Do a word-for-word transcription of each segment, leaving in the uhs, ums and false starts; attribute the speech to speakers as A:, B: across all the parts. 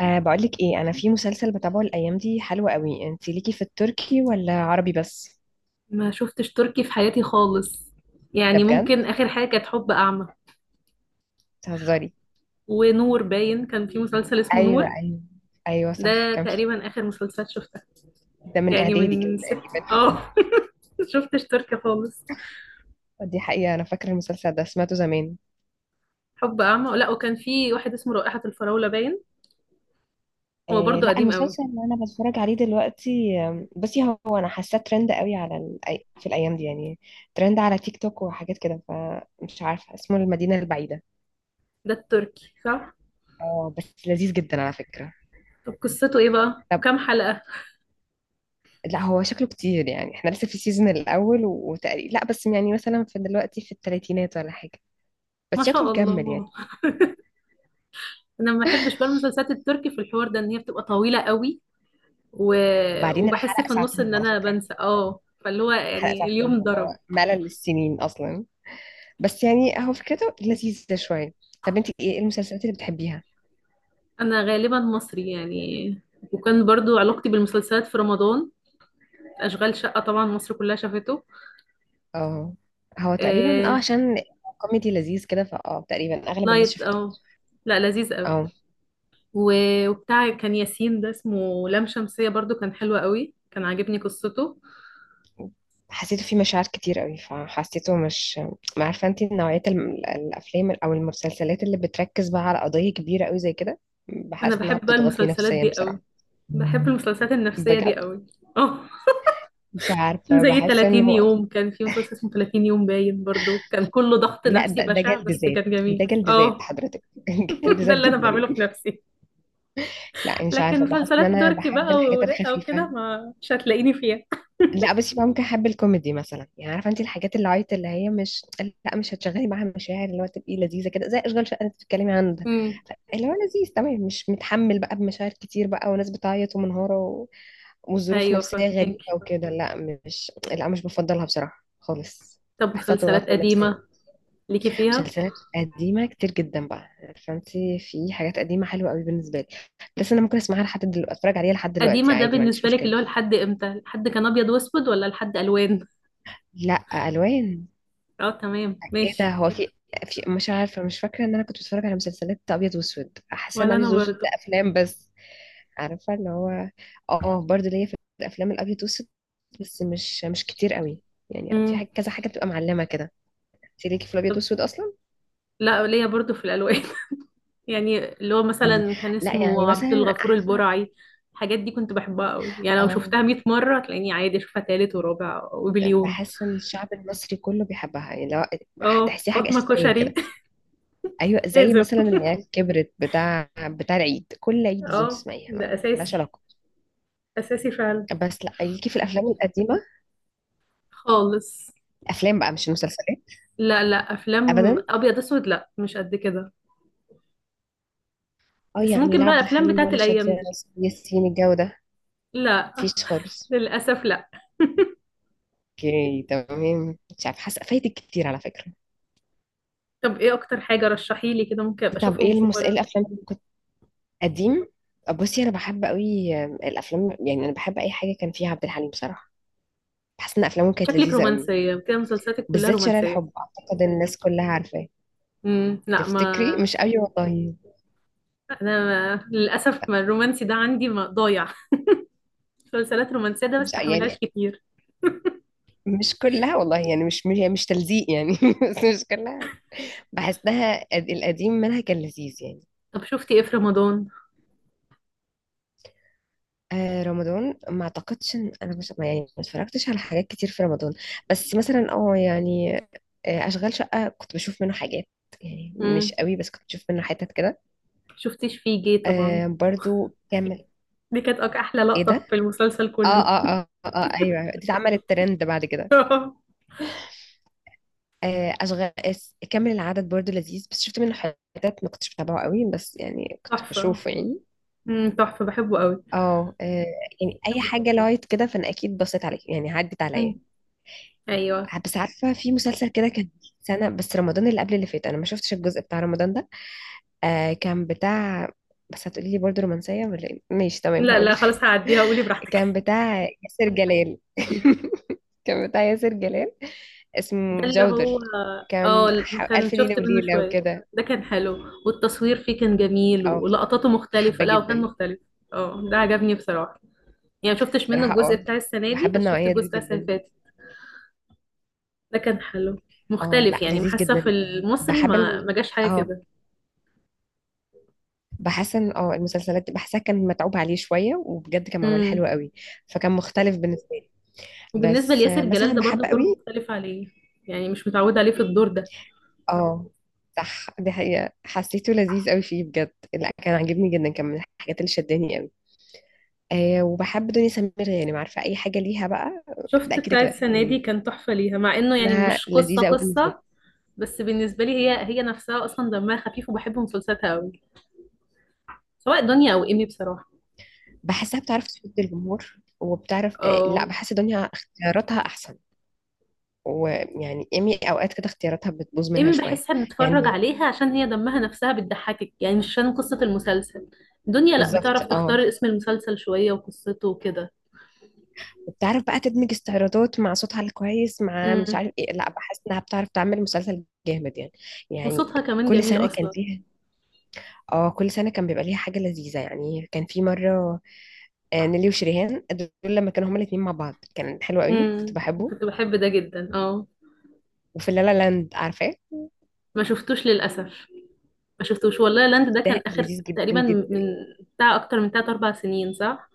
A: أه بقولك ايه، انا في مسلسل بتابعه الايام دي حلو قوي. انت ليكي في التركي ولا عربي بس؟
B: ما شفتش تركي في حياتي خالص.
A: ده
B: يعني
A: بجد؟
B: ممكن آخر حاجة كانت حب أعمى.
A: تهزري؟
B: ونور باين كان في مسلسل اسمه
A: ايوه
B: نور.
A: ايوه، ايوه صح
B: ده
A: كان في.
B: تقريبا آخر مسلسل شفتها.
A: ده من
B: يعني
A: اعدادي كده
B: من ست
A: تقريبا.
B: اه شفتش تركي خالص.
A: آه، دي حقيقة، انا فاكرة المسلسل ده سمعته زمان.
B: حب أعمى، لا وكان في واحد اسمه رائحة الفراولة باين. هو
A: أه
B: برضه
A: لا،
B: قديم قوي.
A: المسلسل اللي انا بتفرج عليه دلوقتي، آم، بصي هو انا حاساه ترند قوي على الأي... في الايام دي يعني. ترند على تيك توك وحاجات كده، فمش عارفة اسمه المدينة البعيدة.
B: ده التركي صح؟
A: اه بس لذيذ جدا على فكرة.
B: طب قصته ايه بقى؟
A: طب.
B: كام حلقة؟
A: لا هو شكله كتير يعني، احنا لسه في السيزون الاول، وتقريبا لا بس يعني مثلا في دلوقتي في الثلاثينات ولا حاجه.
B: ما
A: بس شكله
B: شاء
A: مكمل يعني.
B: الله. انا ما بحبش بقى المسلسلات التركي في الحوار ده، ان هي بتبقى طويلة قوي و...
A: وبعدين
B: وبحس
A: الحلقه
B: في النص
A: ساعتين
B: ان
A: على
B: انا
A: فكره.
B: بنسى اه فاللي هو
A: حلقه
B: يعني
A: ساعتين
B: اليوم
A: اللي
B: ضرب.
A: هو ملل للسنين اصلا. بس يعني هو فكرته لذيذه شويه. طب انت ايه المسلسلات اللي بتحبيها؟
B: انا غالبا مصري يعني، وكان برضو علاقتي بالمسلسلات في رمضان. اشغال شقة طبعا مصر كلها شافته.
A: اه هو تقريبا اه
B: آه...
A: عشان كوميدي لذيذ كده، فاه تقريبا اغلب الناس
B: لايت
A: شافته.
B: او، لا لذيذ قوي.
A: آه.
B: و- وبتاع كان ياسين، ده اسمه لام شمسية، برضو كان حلو قوي، كان عاجبني قصته.
A: حسيته فيه مشاعر كتير قوي فحسيته مش... ما عارفه انت نوعيه الم- الافلام او المسلسلات اللي بتركز بقى على قضيه كبيره قوي زي كده؟
B: انا
A: بحس انها
B: بحب بقى
A: بتضغطني
B: المسلسلات
A: نفسيا
B: دي قوي،
A: بصراحه.
B: بحب المسلسلات النفسية دي
A: بجد
B: قوي. اه
A: مش عارفه
B: زي
A: بحس انه...
B: ثلاثين يوم، كان في مسلسل اسمه ثلاثين يوم باين، برضو كان كله ضغط
A: لا
B: نفسي
A: ده, ده
B: بشع
A: جلد
B: بس
A: ذات.
B: كان جميل.
A: ده جلد ذات
B: اه
A: حضرتك. جلد
B: ده
A: ذات
B: اللي انا
A: جدا
B: بعمله في
A: يعني.
B: نفسي.
A: لا يعني مش
B: لكن
A: عارفه بحس ان
B: مسلسلات
A: انا
B: تركي
A: بحب
B: بقى
A: الحاجات
B: ورقة
A: الخفيفه.
B: وكده، ما مش هتلاقيني فيها.
A: لا بس يبقى ممكن احب الكوميدي مثلا يعني، عارفه انت الحاجات اللايت اللي هي مش... لا مش هتشغلي معاها مشاعر، اللي هو تبقي لذيذه كده زي اشغال شقه انت بتتكلمي عنها.
B: امم،
A: اللي هو لذيذ تمام، مش متحمل بقى بمشاعر كتير بقى وناس بتعيط ومنهارة و... وظروف
B: ايوه
A: نفسية
B: فاهمك.
A: غريبة وكده، لا. مش لا، مش بفضلها بصراحة خالص.
B: طب
A: بحسها
B: مسلسلات
A: بتضغطني نفسيا.
B: قديمة ليكي فيها؟
A: مسلسلات قديمة كتير جدا بقى. فانتي في حاجات قديمة حلوة قوي بالنسبة لي. بس انا ممكن اسمعها لحد دلوقتي، اتفرج عليها لحد
B: قديمة
A: دلوقتي
B: ده
A: عادي، ما عنديش
B: بالنسبة لك
A: مشكلة.
B: اللي هو لحد امتى؟ لحد كان ابيض واسود ولا لحد الوان؟
A: لا الوان.
B: اه تمام
A: ايه ده؟
B: ماشي.
A: هو في في مش عارفة، مش فاكرة ان انا كنت بتفرج على مسلسلات ابيض واسود، احس ان
B: ولا انا
A: ابيض واسود
B: برضو.
A: ده افلام بس. عارفه اللي هو... اه برضو ليا في الافلام الابيض والاسود، بس مش مش كتير قوي. يعني في
B: امم،
A: حاجه كذا حاجه بتبقى معلمه كده. انت ليكي في الابيض والاسود اصلا؟
B: لا ليا برضو في الالوان. يعني اللي هو
A: مم.
B: مثلا كان
A: لا يعني
B: اسمه عبد
A: مثلا
B: الغفور
A: عارفه...
B: البرعي، الحاجات دي كنت بحبها قوي. يعني لو
A: اه
B: شفتها مئة مرة هتلاقيني عادي اشوفها تالت ورابع وبليون.
A: بحس ان الشعب المصري كله بيحبها، يعني لو
B: اه
A: هتحسيها حاجه
B: فاطمة
A: اساسيه
B: كشري.
A: كده. ايوه زي
B: لازم،
A: مثلا العيال كبرت، بتاع بتاع العيد، كل عيد لازم
B: اه
A: تسمعيها،
B: ده
A: ما ملهاش
B: اساسي،
A: علاقه.
B: اساسي فعلا.
A: بس لا ليكي في الافلام القديمه،
B: خالص،
A: افلام بقى مش المسلسلات.
B: لا لا افلام
A: ابدا.
B: ابيض اسود لا مش قد كده.
A: اه
B: بس
A: يعني
B: ممكن
A: لا
B: بقى
A: عبد
B: الافلام
A: الحليم
B: بتاعت
A: ولا شادية
B: الايام
A: ولا
B: دي.
A: ياسين، الجو ده
B: لا
A: مفيش خالص.
B: للاسف لا.
A: اوكي تمام، مش عارفه حاسه فايتك كتير على فكره.
B: طب ايه اكتر حاجه رشحي لي كده ممكن ابقى
A: طب ايه
B: اشوفهم في
A: المس...
B: مره؟
A: إيه الافلام اللي كنت... قديم. بصي انا بحب قوي الافلام، يعني انا بحب اي حاجه كان فيها عبد الحليم بصراحه. بحس ان افلامه كانت
B: شكلك
A: لذيذه قوي.
B: رومانسيه كده، مسلسلاتك كلها
A: بالذات شارع
B: رومانسيه.
A: الحب اعتقد إن الناس كلها عارفاه.
B: امم، لا ما
A: تفتكري؟ مش قوي والله.
B: انا ما... للاسف ما الرومانسي ده عندي ما ضايع. مسلسلات رومانسيه ده ما
A: مش
B: بستحملهاش
A: يعني...
B: كتير.
A: مش كلها والله يعني، مش مش, يعني مش تلزيق يعني. بس مش كلها. بحسها القديم منها كان لذيذ يعني.
B: طب شفتي ايه في رمضان؟
A: آه رمضان، ما اعتقدش ان انا مش ما- يعني ما اتفرجتش على حاجات كتير في رمضان. بس مثلا اه يعني... آه اشغال شقة كنت بشوف منه حاجات. يعني مش
B: امم،
A: قوي، بس كنت بشوف منه حتت كده.
B: شفتيش فيه جه طبعا،
A: آه برضو كامل.
B: دي كانت أك- احلى
A: ايه ده؟
B: لقطه في المسلسل
A: اه
B: كله.
A: اه اه اه, آه ايوه، دي اتعملت ترند بعد كده. آه اشغال اس- كامل العدد برضو لذيذ، بس شفت منه حتت ما كنتش بتابعه قوي، بس يعني كنت
B: تحفه،
A: بشوفه يعني.
B: امم تحفة بحبه قوي.
A: اه آه، يعني اي حاجة لايت كده فانا اكيد بصيت عليك، يعني عدت
B: مم.
A: عليا.
B: ايوه.
A: بس عارفه، في مسلسل كده كان سنه بس، رمضان اللي قبل اللي فات انا ما شفتش الجزء بتاع رمضان ده. آه كان بتاع... بس هتقولي لي برضه رومانسيه ولا إيه؟ ماشي تمام
B: لا لا
A: هقول.
B: خلاص هعديها، قولي براحتك.
A: كان بتاع ياسر جلال. كان بتاع ياسر جلال، اسمه
B: ده اللي
A: جودر.
B: هو،
A: كان
B: اه
A: ح- ألف
B: كان شفت
A: ليلة
B: منه
A: وليلة
B: شوية.
A: وكده.
B: ده كان حلو، والتصوير فيه كان جميل
A: اه كنت
B: ولقطاته مختلفة،
A: حابة
B: لا وكان
A: جدا.
B: مختلف. اه ده عجبني بصراحة. يعني شفتش منه
A: بصراحة
B: الجزء
A: اه
B: بتاع السنة دي،
A: بحب
B: بس شفت
A: النوعية
B: الجزء
A: دي
B: بتاع السنة اللي
A: جدا.
B: فاتت. ده كان حلو،
A: اه
B: مختلف
A: لا
B: يعني،
A: لذيذ
B: حاسة في
A: جدا يعني،
B: المصري
A: بحب
B: ما
A: ال...
B: ما جاش حاجة
A: اه
B: كده.
A: بحس ان اه المسلسلات دي بحسها كان متعوب عليه شويه، وبجد كان معمول
B: امم.
A: حلو قوي. فكان مختلف بالنسبه لي.
B: وبالنسبة
A: بس آه،
B: لياسر جلال
A: مثلا
B: ده برضو
A: بحب
B: دور
A: قوي.
B: مختلف عليه، يعني مش متعودة عليه في الدور ده.
A: اه صح دي حقيقه، حسيته لذيذ قوي فيه بجد، لا كان عاجبني جدا، كان من الحاجات اللي شداني قوي. آه وبحب دنيا سمير يعني، عارفه اي حاجه ليها بقى. ده
B: شفت
A: كده
B: بتاع
A: كده
B: السنة دي
A: يعني
B: كان تحفة ليها، مع انه يعني
A: انها
B: مش قصة
A: لذيذه قوي بالنسبه لي.
B: قصة. بس بالنسبة لي هي هي نفسها اصلا دمها خفيف وبحب مسلسلاتها قوي، سواء دنيا او ايمي بصراحة.
A: بحسها بتعرف تشد الجمهور وبتعرف آه لا
B: اه،
A: بحس دنيا اختياراتها احسن. ويعني ايمي اوقات كده اختياراتها بتبوظ منها
B: ايمي
A: شويه.
B: بحسها بنتفرج
A: يعني
B: عليها عشان هي دمها نفسها بتضحكك، يعني مش عشان قصة المسلسل. دنيا لا، بتعرف
A: بالظبط اه
B: تختار اسم المسلسل شوية وقصته وكده.
A: وبتعرف بقى تدمج استعراضات مع صوتها الكويس مع مش
B: امم،
A: عارف ايه، لا بحس انها بتعرف تعمل مسلسل جامد يعني. يعني...
B: وصوتها كمان
A: كل
B: جميل
A: سنة كان
B: اصلا.
A: فيها. اه كل سنة كان بيبقى ليها حاجة لذيذة يعني، كان في مرة آه، نيلي وشريهان دول لما كانوا هما الاتنين مع بعض كان حلو قوي، كنت
B: امم
A: بحبه.
B: كنت بحب ده جدا اه.
A: وفي لالا لاند عارفاه؟
B: ما شفتوش للأسف. ما شفتوش والله، لاند ده كان
A: ده
B: آخر
A: لذيذ جدا
B: تقريبا،
A: جدا.
B: من بتاع أكتر من تلات أربع سنين صح؟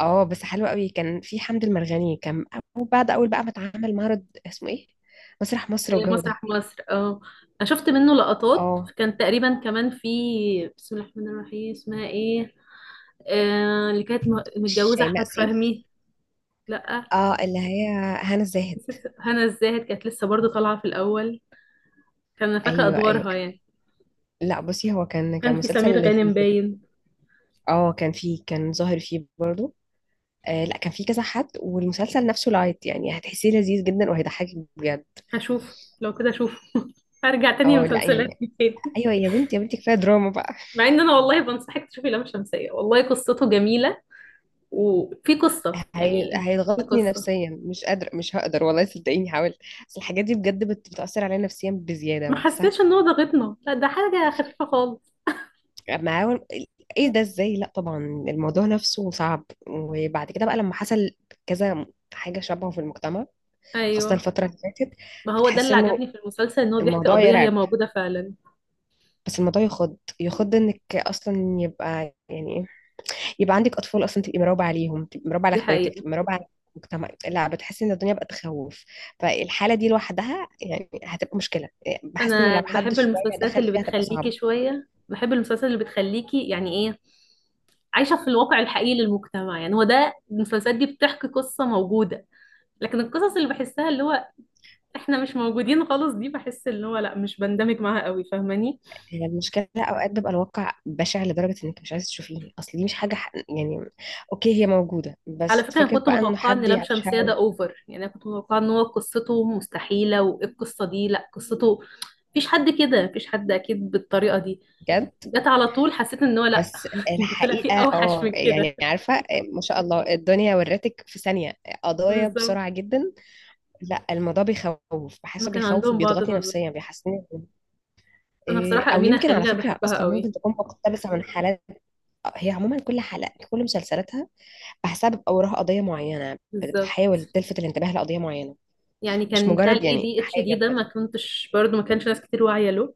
A: اه بس حلو قوي، كان في حمد المرغني كان. وبعد اول بقى ما اتعمل معرض اسمه ايه، مسرح مصر والجو ده.
B: مسرح مصر، اه أنا شفت منه لقطات،
A: اه
B: كان تقريبا كمان في بسم الله الرحمن الرحيم، اسمها ايه؟ آه اللي كانت م- متجوزة
A: شيماء
B: احمد
A: سيف.
B: فهمي. لا
A: اه اللي هي... هنا الزاهد.
B: نسيت، هنا الزاهد كانت لسه برضو طالعة في الاول، كان انا فاكرة
A: ايوه ايوه.
B: ادوارها يعني.
A: لا بصي هو كان كان
B: كان في
A: مسلسل
B: سمير غانم
A: لذيذ يعني.
B: باين.
A: اه كان فيه، كان ظاهر فيه برضو. آه لا كان فيه كذا حد، والمسلسل نفسه لايت يعني هتحسيه لذيذ جدا وهيضحكك بجد.
B: هشوف، لو كده اشوف. هرجع تاني
A: اه لا
B: المسلسلات
A: يعني
B: دي تاني.
A: ايوه، يا بنتي يا بنتي كفايه دراما بقى.
B: مع ان انا والله بنصحك تشوفي لام شمسية، والله قصته جميلة، وفي قصة
A: هي...
B: يعني، في
A: هيضغطني
B: قصة.
A: نفسيا، مش قادره، مش هقدر والله، صدقيني حاولت. بس الحاجات دي بجد بت... بتاثر عليا نفسيا بزياده
B: ما
A: بحسها.
B: حسيتش ان هو ضاغطنا، لا ده حاجة خفيفة خالص.
A: اما اول... ايه ده ازاي؟ لا طبعا، الموضوع نفسه صعب، وبعد كده بقى لما حصل كذا حاجه شبهه في المجتمع، خاصة
B: ايوه
A: الفترة اللي فاتت.
B: ما هو ده
A: بتحس
B: اللي
A: انه...
B: عجبني في المسلسل، ان هو بيحكي
A: الموضوع
B: قضية هي
A: يرعب.
B: موجودة فعلا.
A: بس الموضوع يخض، يخض انك اصلا يبقى يعني ايه، يبقى عندك اطفال اصلا، تبقي مراقبة عليهم، تبقي مراقبة على
B: دي
A: اخواتك،
B: حقيقة.
A: تبقي مراقبة على المجتمع. لا بتحسي ان الدنيا بقت تخوف. فالحالة دي لوحدها يعني هتبقى مشكلة، إيه، بحس انه
B: انا
A: لو حد
B: بحب
A: شوية
B: المسلسلات
A: دخل
B: اللي
A: فيها هتبقى
B: بتخليكي
A: صعبة.
B: شوية، بحب المسلسلات اللي بتخليكي يعني ايه، عايشة في الواقع الحقيقي للمجتمع. يعني هو ده، المسلسلات دي بتحكي قصة موجودة، لكن القصص اللي بحسها اللي هو احنا مش موجودين خالص، دي بحس اللي هو لا مش بندمج معاها قوي، فاهماني؟
A: هي المشكلة اوقات بيبقى الواقع بشع لدرجة انك مش عايزة تشوفيه، اصل دي مش حاجة ح- يعني اوكي هي موجودة،
B: على
A: بس
B: فكرة أنا
A: فكرة
B: كنت
A: بقى انه
B: متوقعة إن
A: حد
B: لام شمسية ده
A: يعيشها.
B: أوفر، يعني أنا كنت متوقعة إن هو قصته مستحيلة وإيه القصة دي، لأ قصته مفيش حد كده، مفيش حد أكيد بالطريقة دي،
A: بجد.
B: جت على طول حسيت إن هو لأ.
A: بس
B: ده طلع فيه
A: الحقيقة
B: أوحش
A: اه
B: من كده.
A: يعني عارفة، ما شاء الله الدنيا ورتك في ثانية قضايا
B: بالظبط.
A: بسرعة جدا. لا الموضوع بيخوف،
B: ما
A: بحسه
B: كان
A: بيخوف
B: عندهم بعض
A: وبيضغطني
B: النظر.
A: نفسيا، بيحسسني
B: أنا
A: إيه،
B: بصراحة
A: او
B: أمينة
A: يمكن على
B: خليل أنا
A: فكرة
B: بحبها
A: اصلا
B: قوي.
A: ممكن تكون مقتبسة من حالات. هي عموما كل حلقة، كل مسلسلاتها بحسها بيبقى وراها قضية معينة،
B: بالظبط.
A: بتحاول تلفت الانتباه لقضية معينة،
B: يعني
A: مش
B: كان بتاع ال
A: مجرد يعني
B: A D H D
A: حاجة
B: ده، ما
A: كده.
B: كنتش برضه، ما كانش ناس كتير واعية له.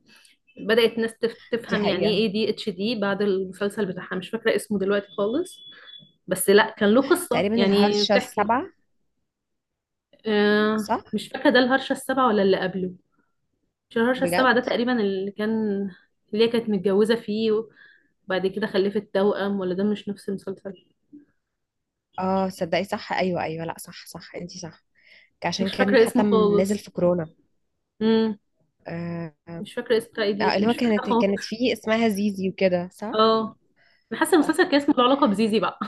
B: بدأت ناس تف-
A: دي
B: تفهم يعني
A: حقيقة.
B: إيه ADHD بعد المسلسل بتاعها. مش فاكرة اسمه دلوقتي خالص، بس لا كان له قصة
A: تقريبا
B: يعني
A: الهرشة
B: بتحكي.
A: السبعة.
B: آه
A: صح.
B: مش فاكرة، ده الهرشة السابعة ولا اللي قبله؟ مش الهرشة
A: بجد.
B: السابعة، ده تقريبا اللي كان، اللي هي كانت متجوزة فيه وبعد كده خلفت توأم، ولا ده مش نفس المسلسل.
A: اه صدقي صح، ايوه ايوه لا صح صح انتي صح. عشان
B: مش
A: كان
B: فاكرة
A: حتى
B: اسمه
A: م- نازل
B: خالص.
A: في كورونا.
B: امم.
A: آه.
B: مش فاكرة اسمه بتاع
A: آه،
B: ايديت،
A: اللي هو
B: مش فاكرة
A: كانت
B: خالص.
A: كانت فيه اسمها زيزي وكده صح؟
B: اه انا حاسة
A: اه.
B: المسلسل كان اسمه له علاقة بزيزي بقى.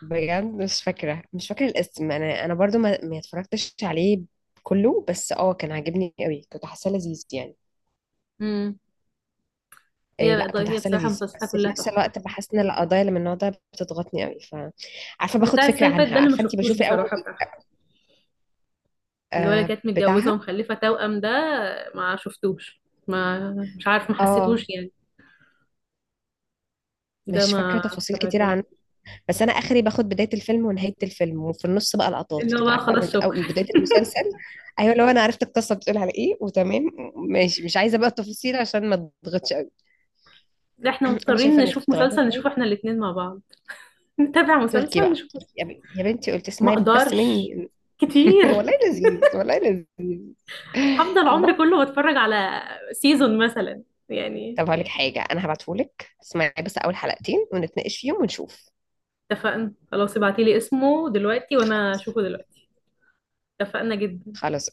A: بجد مش فاكرة مش فاكرة الاسم، انا انا برضو ما, ما اتفرجتش عليه كله. بس اه كان عاجبني قوي، كنت حاسة لذيذ يعني.
B: امم.
A: إيه لا
B: هي
A: كنت
B: هي
A: حاسة
B: بصراحة
A: لذيذ،
B: مسلسلاتها
A: بس في
B: كلها
A: نفس
B: تحفة.
A: الوقت بحس ان القضايا اللي من النوع ده بتضغطني قوي، ف... عارفة باخد
B: بتاع السنة
A: فكرة
B: اللي فاتت
A: عنها،
B: ده اللي ما
A: عارفة انتي،
B: شفتوش
A: بشوف الاول.
B: بصراحة بتاعها. اللي هو اللي
A: آه
B: كانت متجوزة
A: بتاعها.
B: ومخلفة توأم ده ما شفتوش. ما مش عارف ما
A: اه
B: حسيتوش يعني. ده
A: مش
B: ما
A: فاكرة تفاصيل كتير
B: تابعتوش.
A: عن... بس انا اخري باخد بدايه الفيلم ونهايه الفيلم، وفي النص بقى لقطات
B: اللي هو
A: كده،
B: بقى
A: عارفه من
B: خلاص
A: أو
B: شكرا.
A: من بدايه المسلسل. ايوه لو انا عرفت القصه بتقول على ايه وتمام ماشي، مش عايزه بقى التفاصيل عشان ما تضغطش قوي.
B: لا احنا
A: انا
B: مضطرين
A: شايفه انك
B: نشوف
A: تغيري،
B: مسلسل، نشوف
A: طيب.
B: احنا الاتنين مع بعض، نتابع
A: تركي
B: مسلسل،
A: بقى
B: نشوف مسلسل.
A: تركي. يا بنتي يا بنتي قلت
B: ما
A: اسمعي بس
B: اقدرش
A: مني.
B: كتير.
A: والله لذيذ والله لذيذ.
B: هفضل عمري
A: الله.
B: كله بتفرج على سيزون مثلا يعني.
A: طب هقول لك حاجه، انا هبعتهولك، اسمعي بس اول حلقتين ونتناقش فيهم ونشوف.
B: اتفقنا خلاص، ابعتيلي اسمه دلوقتي وانا
A: خلاص.
B: اشوفه دلوقتي. اتفقنا جدا.
A: خلاص.